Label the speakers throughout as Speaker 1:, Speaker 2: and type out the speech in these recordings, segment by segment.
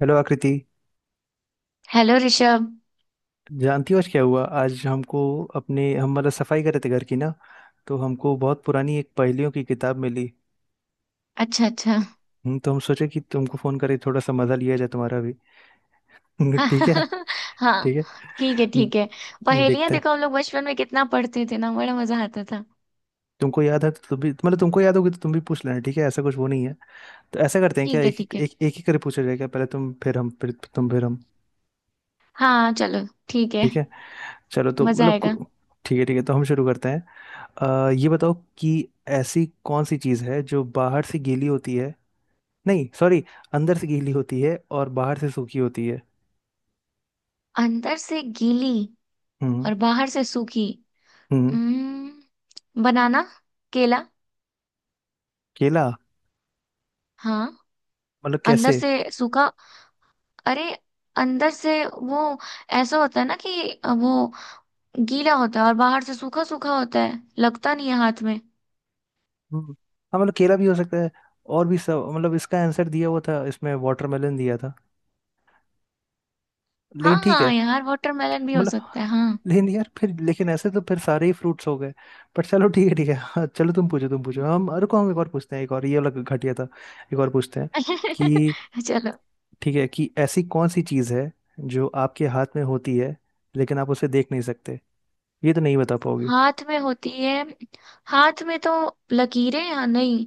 Speaker 1: Hello Aakriti.
Speaker 2: Hello Rishabh.
Speaker 1: जानती हो आज क्या हुआ? आज हमको अपने हम मतलब सफाई कर रहे थे घर की ना। तो हमको बहुत पुरानी एक पहेलियों की किताब मिली।
Speaker 2: अच्छा अच्छा।
Speaker 1: तो हम सोचे कि तुमको फोन करें, थोड़ा सा मजा लिया जाए तुम्हारा भी। ठीक है। ठीक
Speaker 2: हाँ,
Speaker 1: है।
Speaker 2: ठीक है
Speaker 1: हम्म,
Speaker 2: ठीक है। पहेलियां
Speaker 1: देखते हैं।
Speaker 2: देखो, हम लोग बचपन में कितना पढ़ते थे ना, बड़ा मजा आता था।
Speaker 1: तुमको याद है तो तुम भी, मतलब तुमको याद होगी तो तुम भी पूछ लेना। ठीक है, ऐसा कुछ वो नहीं है। तो ऐसा करते हैं, क्या
Speaker 2: ठीक है ठीक है।
Speaker 1: एक ही करके पूछा जाएगा, पहले तुम फिर हम फिर तुम फिर हम।
Speaker 2: हाँ चलो ठीक है।
Speaker 1: ठीक है। चलो तो
Speaker 2: मजा
Speaker 1: मतलब
Speaker 2: आएगा।
Speaker 1: ठीक है ठीक है, तो हम शुरू करते हैं। ये बताओ कि ऐसी कौन सी चीज़ है जो बाहर से गीली होती है, नहीं सॉरी, अंदर से गीली होती है और बाहर से सूखी होती है।
Speaker 2: अंदर से गीली
Speaker 1: हम्म,
Speaker 2: और बाहर से सूखी।
Speaker 1: हम्म।
Speaker 2: बनाना। केला।
Speaker 1: केला।
Speaker 2: हाँ।
Speaker 1: मतलब
Speaker 2: अंदर
Speaker 1: कैसे?
Speaker 2: से सूखा। अरे, अंदर से वो ऐसा होता है ना कि वो गीला होता है और बाहर से सूखा सूखा होता है, लगता नहीं है हाथ में।
Speaker 1: हम्म हाँ मतलब केला भी हो सकता है, और भी सब। मतलब इसका आंसर दिया हुआ था इसमें, वाटरमेलन दिया था।
Speaker 2: हाँ
Speaker 1: लेकिन ठीक है।
Speaker 2: हाँ यार, वाटरमेलन भी हो
Speaker 1: मतलब,
Speaker 2: सकता है। हाँ।
Speaker 1: लेकिन यार फिर, लेकिन ऐसे तो फिर सारे ही फ्रूट्स हो गए। पर चलो ठीक है ठीक है। हाँ, चलो तुम पूछो तुम पूछो। हम अरे को हम एक और पूछते हैं, एक और, ये वाला घटिया था। एक और पूछते हैं कि,
Speaker 2: चलो।
Speaker 1: ठीक है कि ऐसी कौन सी चीज़ है जो आपके हाथ में होती है लेकिन आप उसे देख नहीं सकते? ये तो नहीं बता पाओगे।
Speaker 2: हाथ में होती है। हाथ में तो लकीरें या नहीं।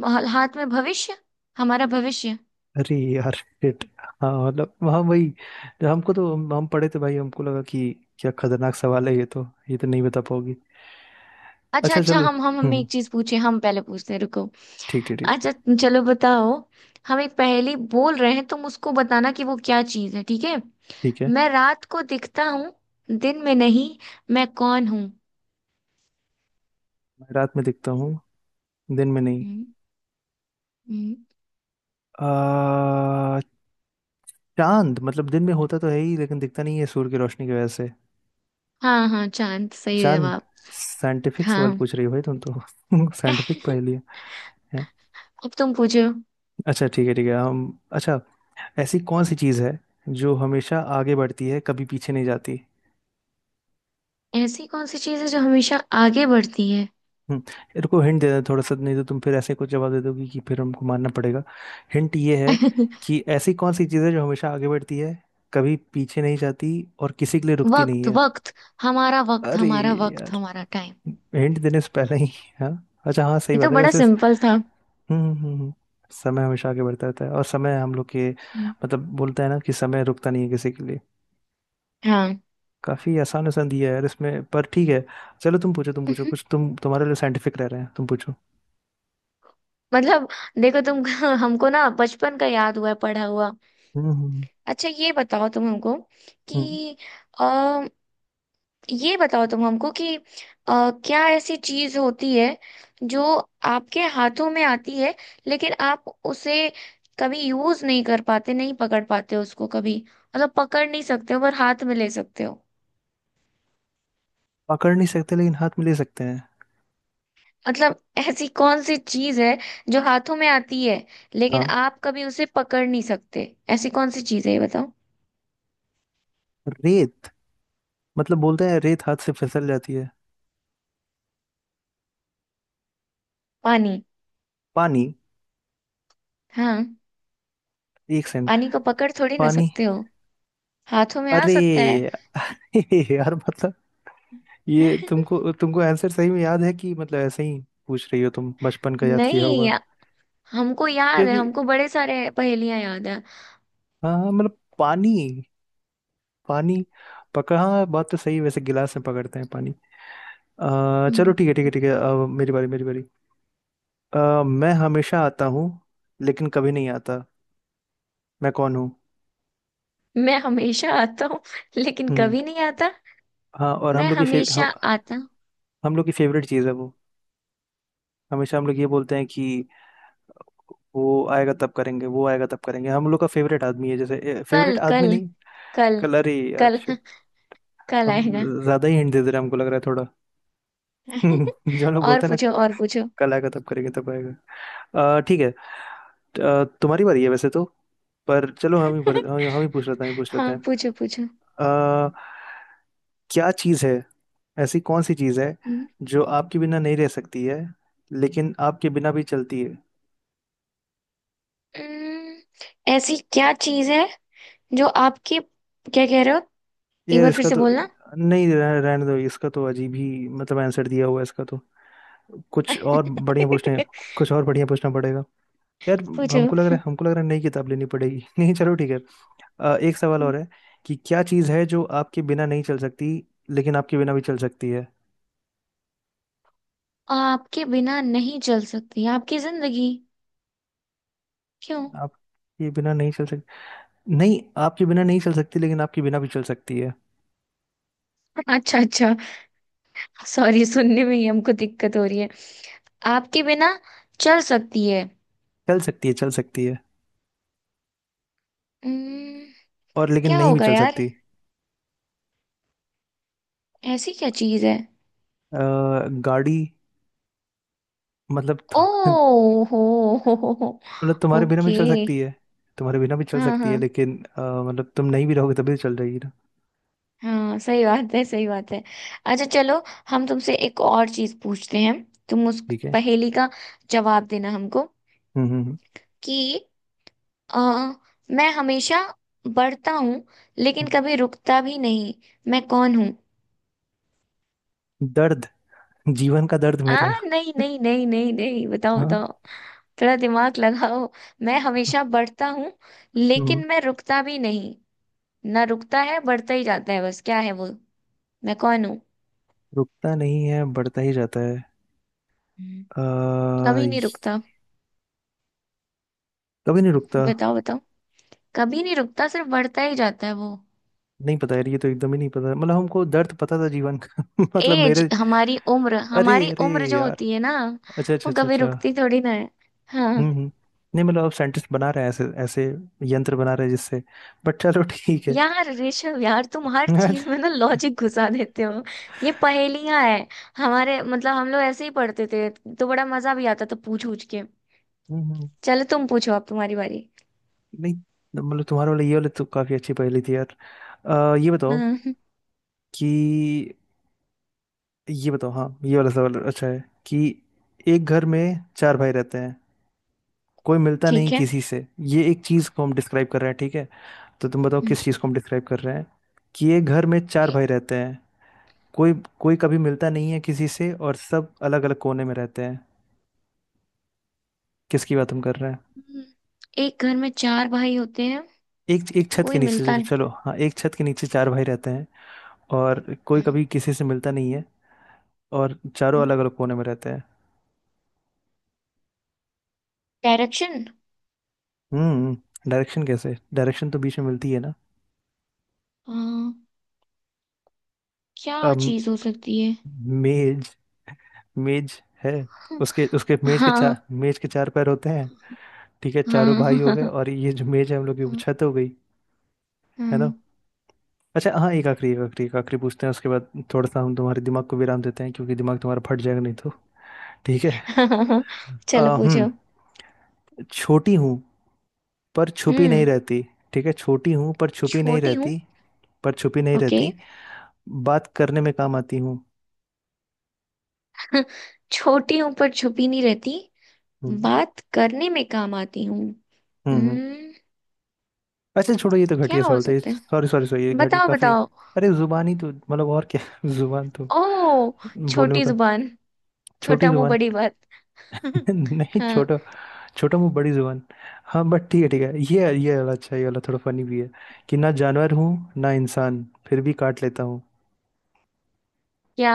Speaker 2: हाथ में भविष्य। हमारा भविष्य।
Speaker 1: अरे यार shit। हाँ मतलब, हाँ वही। जब हमको, तो हम पढ़े थे भाई, हमको लगा कि क्या खतरनाक सवाल है, ये तो नहीं बता पाओगी।
Speaker 2: अच्छा
Speaker 1: अच्छा
Speaker 2: अच्छा,
Speaker 1: चलो।
Speaker 2: हम हमें
Speaker 1: हम्म।
Speaker 2: एक चीज पूछे, हम पहले पूछते हैं, रुको।
Speaker 1: ठीक ठीक ठीक।
Speaker 2: अच्छा चलो, बताओ। हम एक पहेली बोल रहे हैं, तुम उसको बताना कि वो क्या चीज है, ठीक है।
Speaker 1: ठीक है।
Speaker 2: मैं रात को दिखता हूँ, दिन में नहीं। मैं कौन हूँ।
Speaker 1: मैं रात में दिखता हूँ दिन में नहीं।
Speaker 2: हम्म, हम्म।
Speaker 1: आ, चांद, मतलब दिन में होता तो है ही लेकिन दिखता नहीं है सूर्य की रोशनी की वजह से।
Speaker 2: हाँ हाँ, चांद सही
Speaker 1: चांद।
Speaker 2: जवाब।
Speaker 1: साइंटिफिक सवाल
Speaker 2: हाँ।
Speaker 1: पूछ रही हो भाई तुम तो, साइंटिफिक पहेली है।
Speaker 2: अब तुम पूछो।
Speaker 1: अच्छा ठीक है हम, अच्छा ऐसी कौन सी चीज़ है जो हमेशा आगे बढ़ती है कभी पीछे नहीं जाती?
Speaker 2: ऐसी कौन सी चीज है जो हमेशा आगे बढ़ती है।
Speaker 1: रुको हिंट दे दें थोड़ा सा, नहीं तो तुम फिर ऐसे कुछ जवाब दे दोगी कि फिर हमको मानना पड़ेगा। हिंट ये है कि ऐसी कौन सी चीज़ है जो हमेशा आगे बढ़ती है कभी पीछे नहीं जाती और किसी के लिए रुकती नहीं
Speaker 2: वक्त
Speaker 1: है?
Speaker 2: वक्त। हमारा वक्त,
Speaker 1: अरे
Speaker 2: हमारा वक्त,
Speaker 1: यार,
Speaker 2: हमारा टाइम।
Speaker 1: हिंट देने से पहले ही। हाँ, अच्छा हाँ सही
Speaker 2: ये
Speaker 1: बात
Speaker 2: तो
Speaker 1: है
Speaker 2: बड़ा
Speaker 1: वैसे।
Speaker 2: सिंपल था।
Speaker 1: समय हमेशा आगे बढ़ता रहता है, और समय हम लोग के
Speaker 2: हम्म,
Speaker 1: मतलब बोलते हैं ना कि समय रुकता नहीं है किसी के लिए।
Speaker 2: हाँ।
Speaker 1: काफी आसान आसान दिया है यार इसमें, पर ठीक है। चलो तुम पूछो कुछ, तुम तुम्हारे लिए साइंटिफिक रह रहे हैं, तुम पूछो।
Speaker 2: मतलब देखो तुम, हमको ना बचपन का याद हुआ है पढ़ा हुआ।
Speaker 1: हम्म हम्म
Speaker 2: अच्छा ये बताओ तुम हमको
Speaker 1: हम्म।
Speaker 2: कि ये बताओ तुम हमको कि क्या ऐसी चीज होती है जो आपके हाथों में आती है, लेकिन आप उसे कभी यूज नहीं कर पाते, नहीं पकड़ पाते उसको कभी, मतलब पकड़ नहीं सकते हो पर हाथ में ले सकते हो।
Speaker 1: पकड़ नहीं सकते लेकिन हाथ में ले सकते हैं।
Speaker 2: मतलब ऐसी कौन सी चीज है जो हाथों में आती है लेकिन
Speaker 1: हाँ।
Speaker 2: आप कभी उसे पकड़ नहीं सकते। ऐसी कौन सी चीज है ये बताओ।
Speaker 1: रेत, मतलब बोलते हैं रेत हाथ से फिसल जाती है।
Speaker 2: पानी।
Speaker 1: पानी।
Speaker 2: हाँ,
Speaker 1: एक सेकंड।
Speaker 2: पानी को पकड़ थोड़ी ना
Speaker 1: पानी।
Speaker 2: सकते हो। हाथों में आ
Speaker 1: अरे
Speaker 2: सकता है।
Speaker 1: यार, मतलब ये तुमको, तुमको आंसर सही में याद है कि मतलब ऐसे ही पूछ रही हो तुम बचपन का याद किया
Speaker 2: नहीं,
Speaker 1: होगा
Speaker 2: हमको याद है,
Speaker 1: क्योंकि।
Speaker 2: हमको बड़े सारे पहेलियां याद है।
Speaker 1: हाँ हाँ, मतलब पानी। पानी पकड़, हाँ बात तो सही है वैसे, गिलास में पकड़ते हैं पानी। चलो
Speaker 2: हम्म।
Speaker 1: ठीक है ठीक है ठीक है, अब मेरी बारी मेरी बारी। मैं हमेशा आता हूँ लेकिन कभी नहीं आता। मैं कौन हूँ?
Speaker 2: मैं हमेशा आता हूँ लेकिन
Speaker 1: हम्म
Speaker 2: कभी नहीं आता।
Speaker 1: हाँ, और हम
Speaker 2: मैं
Speaker 1: लोग की
Speaker 2: हमेशा आता हूँ।
Speaker 1: हम लोग की फेवरेट चीज़ है वो, हमेशा हम लोग ये बोलते हैं कि वो आएगा तब करेंगे, वो आएगा तब करेंगे। हम लोग का फेवरेट आदमी है जैसे, फेवरेट
Speaker 2: कल
Speaker 1: आदमी
Speaker 2: कल।
Speaker 1: नहीं।
Speaker 2: कल।
Speaker 1: कलर ही यार
Speaker 2: कल।
Speaker 1: shit,
Speaker 2: कल
Speaker 1: हम
Speaker 2: आएगा।
Speaker 1: ज्यादा ही हिंट दे दे रहे हैं हमको लग रहा है थोड़ा। जो हम लोग
Speaker 2: और
Speaker 1: बोलते हैं ना,
Speaker 2: पूछो और पूछो।
Speaker 1: कल आएगा तब करेंगे, तब आएगा। ठीक है। तुम्हारी बारी है वैसे तो, पर चलो हम ही भर, हम ही पूछ लेते हैं, हम ही पूछ लेते
Speaker 2: हाँ
Speaker 1: हैं।
Speaker 2: पूछो पूछो।
Speaker 1: अ, क्या चीज़ है, ऐसी कौन सी चीज़ है
Speaker 2: हम्म,
Speaker 1: जो आपके बिना नहीं रह सकती है लेकिन आपके बिना भी चलती है?
Speaker 2: हम्म, ऐसी क्या चीज है जो आपके, क्या कह रहे हो? एक
Speaker 1: यार
Speaker 2: बार फिर
Speaker 1: इसका
Speaker 2: से
Speaker 1: तो
Speaker 2: बोलना।
Speaker 1: नहीं रहने दो, इसका तो अजीब ही मतलब आंसर दिया हुआ है इसका तो। कुछ और बढ़िया पूछने, कुछ और बढ़िया पूछना पड़ेगा यार।
Speaker 2: पूछो।
Speaker 1: हमको लग रहा है हमको लग रहा है नई किताब लेनी पड़ेगी। नहीं चलो ठीक है। एक सवाल और है कि क्या चीज़ है जो आपके बिना नहीं चल सकती लेकिन आपके बिना भी चल सकती है?
Speaker 2: आपके बिना नहीं चल सकती आपकी जिंदगी। क्यों?
Speaker 1: आपके बिना नहीं चल सकती? नहीं, आपके बिना नहीं चल सकती लेकिन आपके बिना भी चल सकती है।
Speaker 2: अच्छा अच्छा, सॉरी सुनने में ही हमको दिक्कत हो रही है। आपके बिना चल सकती है।
Speaker 1: चल सकती है चल सकती है,
Speaker 2: हम्म,
Speaker 1: और लेकिन
Speaker 2: क्या
Speaker 1: नहीं भी
Speaker 2: होगा
Speaker 1: चल
Speaker 2: यार,
Speaker 1: सकती।
Speaker 2: ऐसी क्या चीज है?
Speaker 1: अ, गाड़ी। मतलब
Speaker 2: ओ, हो हो हो।
Speaker 1: मतलब तुम्हारे बिना
Speaker 2: ओके।
Speaker 1: भी चल सकती है, तुम्हारे बिना भी चल
Speaker 2: हाँ
Speaker 1: सकती
Speaker 2: हाँ,
Speaker 1: है लेकिन मतलब तुम नहीं भी रहोगे तभी तो चल जाएगी ना।
Speaker 2: हाँ सही बात है, सही बात है। अच्छा चलो, हम तुमसे एक और चीज पूछते हैं, तुम उस
Speaker 1: ठीक है।
Speaker 2: पहेली का जवाब देना हमको
Speaker 1: हम्म हम्म हम्म।
Speaker 2: कि अ, मैं हमेशा बढ़ता हूँ लेकिन
Speaker 1: हम्म।
Speaker 2: कभी रुकता भी नहीं। मैं कौन हूँ?
Speaker 1: दर्द। जीवन का दर्द
Speaker 2: आ
Speaker 1: मेरे।
Speaker 2: नहीं नहीं नहीं नहीं नहीं, बताओ
Speaker 1: हाँ।
Speaker 2: बताओ, थोड़ा दिमाग लगाओ। मैं हमेशा बढ़ता हूँ
Speaker 1: हम्म
Speaker 2: लेकिन मैं रुकता भी नहीं। ना रुकता है, बढ़ता ही जाता है बस, क्या है वो? मैं कौन हूँ?
Speaker 1: रुकता नहीं है बढ़ता ही जाता है।
Speaker 2: हम्म,
Speaker 1: अ
Speaker 2: कभी नहीं रुकता।
Speaker 1: कभी नहीं रुकता।
Speaker 2: बताओ बताओ। कभी नहीं रुकता, सिर्फ बढ़ता ही जाता है वो।
Speaker 1: नहीं पता यार, ये तो एकदम ही नहीं पता, मतलब हमको दर्द पता था जीवन का। मतलब
Speaker 2: एज,
Speaker 1: मेरे।
Speaker 2: हमारी उम्र,
Speaker 1: अरे
Speaker 2: हमारी
Speaker 1: अरे
Speaker 2: उम्र जो
Speaker 1: यार,
Speaker 2: होती है ना,
Speaker 1: अच्छा अच्छा
Speaker 2: वो
Speaker 1: अच्छा
Speaker 2: कभी
Speaker 1: अच्छा।
Speaker 2: रुकती थोड़ी ना है। हाँ।
Speaker 1: हम्म हम्म नहीं मतलब, अब साइंटिस्ट बना रहे हैं ऐसे ऐसे यंत्र बना रहे हैं जिससे, बट चलो ठीक है।
Speaker 2: यार ऋषभ, यार तुम हर
Speaker 1: यार।
Speaker 2: चीज में ना लॉजिक घुसा देते हो। ये पहेलियां है, हमारे मतलब हम लोग ऐसे ही पढ़ते थे, तो बड़ा मजा भी आता था पूछ पूछ के।
Speaker 1: हम्म हम्म,
Speaker 2: चलो तुम पूछो, अब तुम्हारी बारी।
Speaker 1: नहीं मतलब तुम्हारा वाला, ये वाला तो काफी अच्छी पहेली थी यार। ये बताओ
Speaker 2: हम्म,
Speaker 1: कि, ये बताओ, हाँ ये वाला सवाल अच्छा है कि एक घर में चार भाई रहते हैं, कोई मिलता नहीं
Speaker 2: ठीक है।
Speaker 1: किसी से। ये एक चीज को हम डिस्क्राइब कर रहे हैं ठीक है, तो तुम बताओ
Speaker 2: हम्म।
Speaker 1: किस चीज को हम डिस्क्राइब कर रहे हैं कि ये घर में चार भाई रहते हैं, कोई कोई कभी मिलता नहीं है किसी से और सब अलग अलग कोने में रहते हैं। किसकी बात हम कर रहे हैं?
Speaker 2: हम्म, एक घर में चार भाई होते हैं।
Speaker 1: एक एक छत के
Speaker 2: कोई
Speaker 1: नीचे,
Speaker 2: मिलता
Speaker 1: चलो चलो, हाँ एक छत के नीचे चार भाई रहते हैं और कोई
Speaker 2: नहीं।
Speaker 1: कभी किसी से मिलता नहीं है और चारों अलग अलग कोने में रहते हैं।
Speaker 2: डायरेक्शन।
Speaker 1: हम्म डायरेक्शन? कैसे डायरेक्शन? तो बीच में मिलती है ना।
Speaker 2: हाँ, क्या
Speaker 1: अम,
Speaker 2: चीज हो सकती है?
Speaker 1: मेज। मेज है।
Speaker 2: हाँ
Speaker 1: उसके उसके मेज के चार, मेज के चार पैर होते हैं, ठीक है चारों
Speaker 2: हाँ हाँ।
Speaker 1: भाई हो गए,
Speaker 2: हाँ,
Speaker 1: और ये जो मेज है हम लोग की वो छत हो गई। है ना? अच्छा हाँ, एक आखिरी एक आखिरी एक आखिरी पूछते हैं, उसके बाद थोड़ा सा हम तुम्हारे दिमाग को विराम देते हैं क्योंकि दिमाग तुम्हारा फट जाएगा नहीं तो। ठीक है।
Speaker 2: हाँ, चलो
Speaker 1: आ, हम्म
Speaker 2: पूछो।
Speaker 1: छोटी हूँ पर छुपी नहीं
Speaker 2: हम्म
Speaker 1: रहती। ठीक है, छोटी हूँ पर छुपी नहीं
Speaker 2: छोटी हूँ।
Speaker 1: रहती, पर छुपी नहीं
Speaker 2: ओके।
Speaker 1: रहती, बात करने में काम आती हूँ।
Speaker 2: छोटी हूँ पर छुपी नहीं रहती।
Speaker 1: हम्म
Speaker 2: बात करने में काम आती हूँ।
Speaker 1: हम्म हम्म।
Speaker 2: हम्म
Speaker 1: अच्छा छोड़ो, ये तो घटिया
Speaker 2: क्या हो
Speaker 1: सवाल था,
Speaker 2: सकता है?
Speaker 1: सॉरी सॉरी सॉरी, ये घटी
Speaker 2: बताओ
Speaker 1: काफी।
Speaker 2: बताओ।
Speaker 1: अरे जुबान ही तो, मतलब और क्या। जुबान तो
Speaker 2: ओ,
Speaker 1: बोलने
Speaker 2: छोटी
Speaker 1: का,
Speaker 2: जुबान।
Speaker 1: छोटी
Speaker 2: छोटा मुंह
Speaker 1: जुबान।
Speaker 2: बड़ी बात।
Speaker 1: नहीं
Speaker 2: हाँ।
Speaker 1: छोटा, छोटा मुंह बड़ी जुबान। हाँ बट ठीक है ठीक है, ये वाला अच्छा है, ये वाला थोड़ा फनी भी है कि ना जानवर हूँ ना इंसान फिर भी काट लेता हूँ।
Speaker 2: क्या?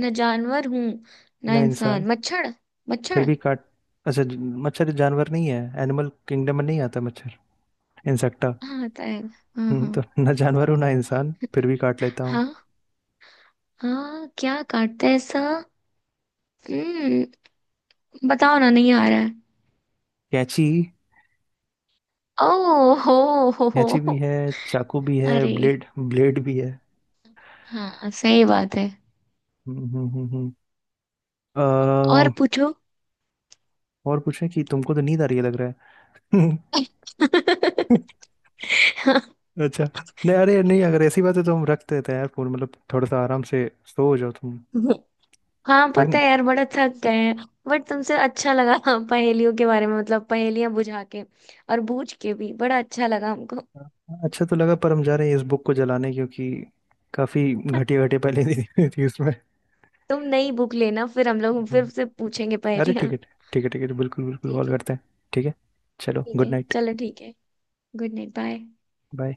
Speaker 2: न जानवर हूँ न
Speaker 1: ना इंसान
Speaker 2: इंसान, मच्छर।
Speaker 1: फिर
Speaker 2: मच्छर।
Speaker 1: भी काट। अच्छा मच्छर जानवर नहीं है, एनिमल किंगडम में नहीं आता मच्छर, इंसेक्टा।
Speaker 2: हाँ होता है। हाँ हाँ।
Speaker 1: तो ना जानवर हूँ ना इंसान फिर भी काट लेता हूँ।
Speaker 2: हाँ। हाँ, क्या काटता है ऐसा? हम्म बताओ ना, नहीं आ रहा है।
Speaker 1: कैंची।
Speaker 2: ओ हो, हो हो।
Speaker 1: कैंची भी है, चाकू भी है,
Speaker 2: अरे,
Speaker 1: ब्लेड ब्लेड भी है।
Speaker 2: हाँ सही बात है।
Speaker 1: हम्म हम्म हम्म हम्म। अ,
Speaker 2: और पूछो।
Speaker 1: और पूछे कि, तुमको तो नींद आ रही है लग रहा है।
Speaker 2: हाँ।
Speaker 1: अच्छा। नहीं अरे नहीं, अगर ऐसी बात है तो हम रख देते हैं यार फोन, मतलब थोड़ा सा आराम से सो जाओ तुम।
Speaker 2: हाँ
Speaker 1: थक।
Speaker 2: पता है यार, बड़ा थक गए हैं। बट तुमसे अच्छा लगा, पहेलियों के बारे में मतलब पहेलियां बुझा के और बूझ के भी बड़ा अच्छा लगा हमको।
Speaker 1: अच्छा तो लगा, पर हम जा रहे हैं इस बुक को जलाने क्योंकि काफी घटिया घटिया पहले दी हुई थी उसमें।
Speaker 2: तुम नई बुक लेना, फिर हम लोग फिर
Speaker 1: हम,
Speaker 2: से पूछेंगे
Speaker 1: अरे
Speaker 2: पहेलियां।
Speaker 1: ठीक है ठीक है ठीक है, बिल्कुल बिल्कुल कॉल
Speaker 2: ठीक है
Speaker 1: करते हैं। ठीक है। चलो
Speaker 2: ठीक
Speaker 1: गुड
Speaker 2: है,
Speaker 1: नाइट।
Speaker 2: चलो ठीक है। Good night, bye.
Speaker 1: बाय।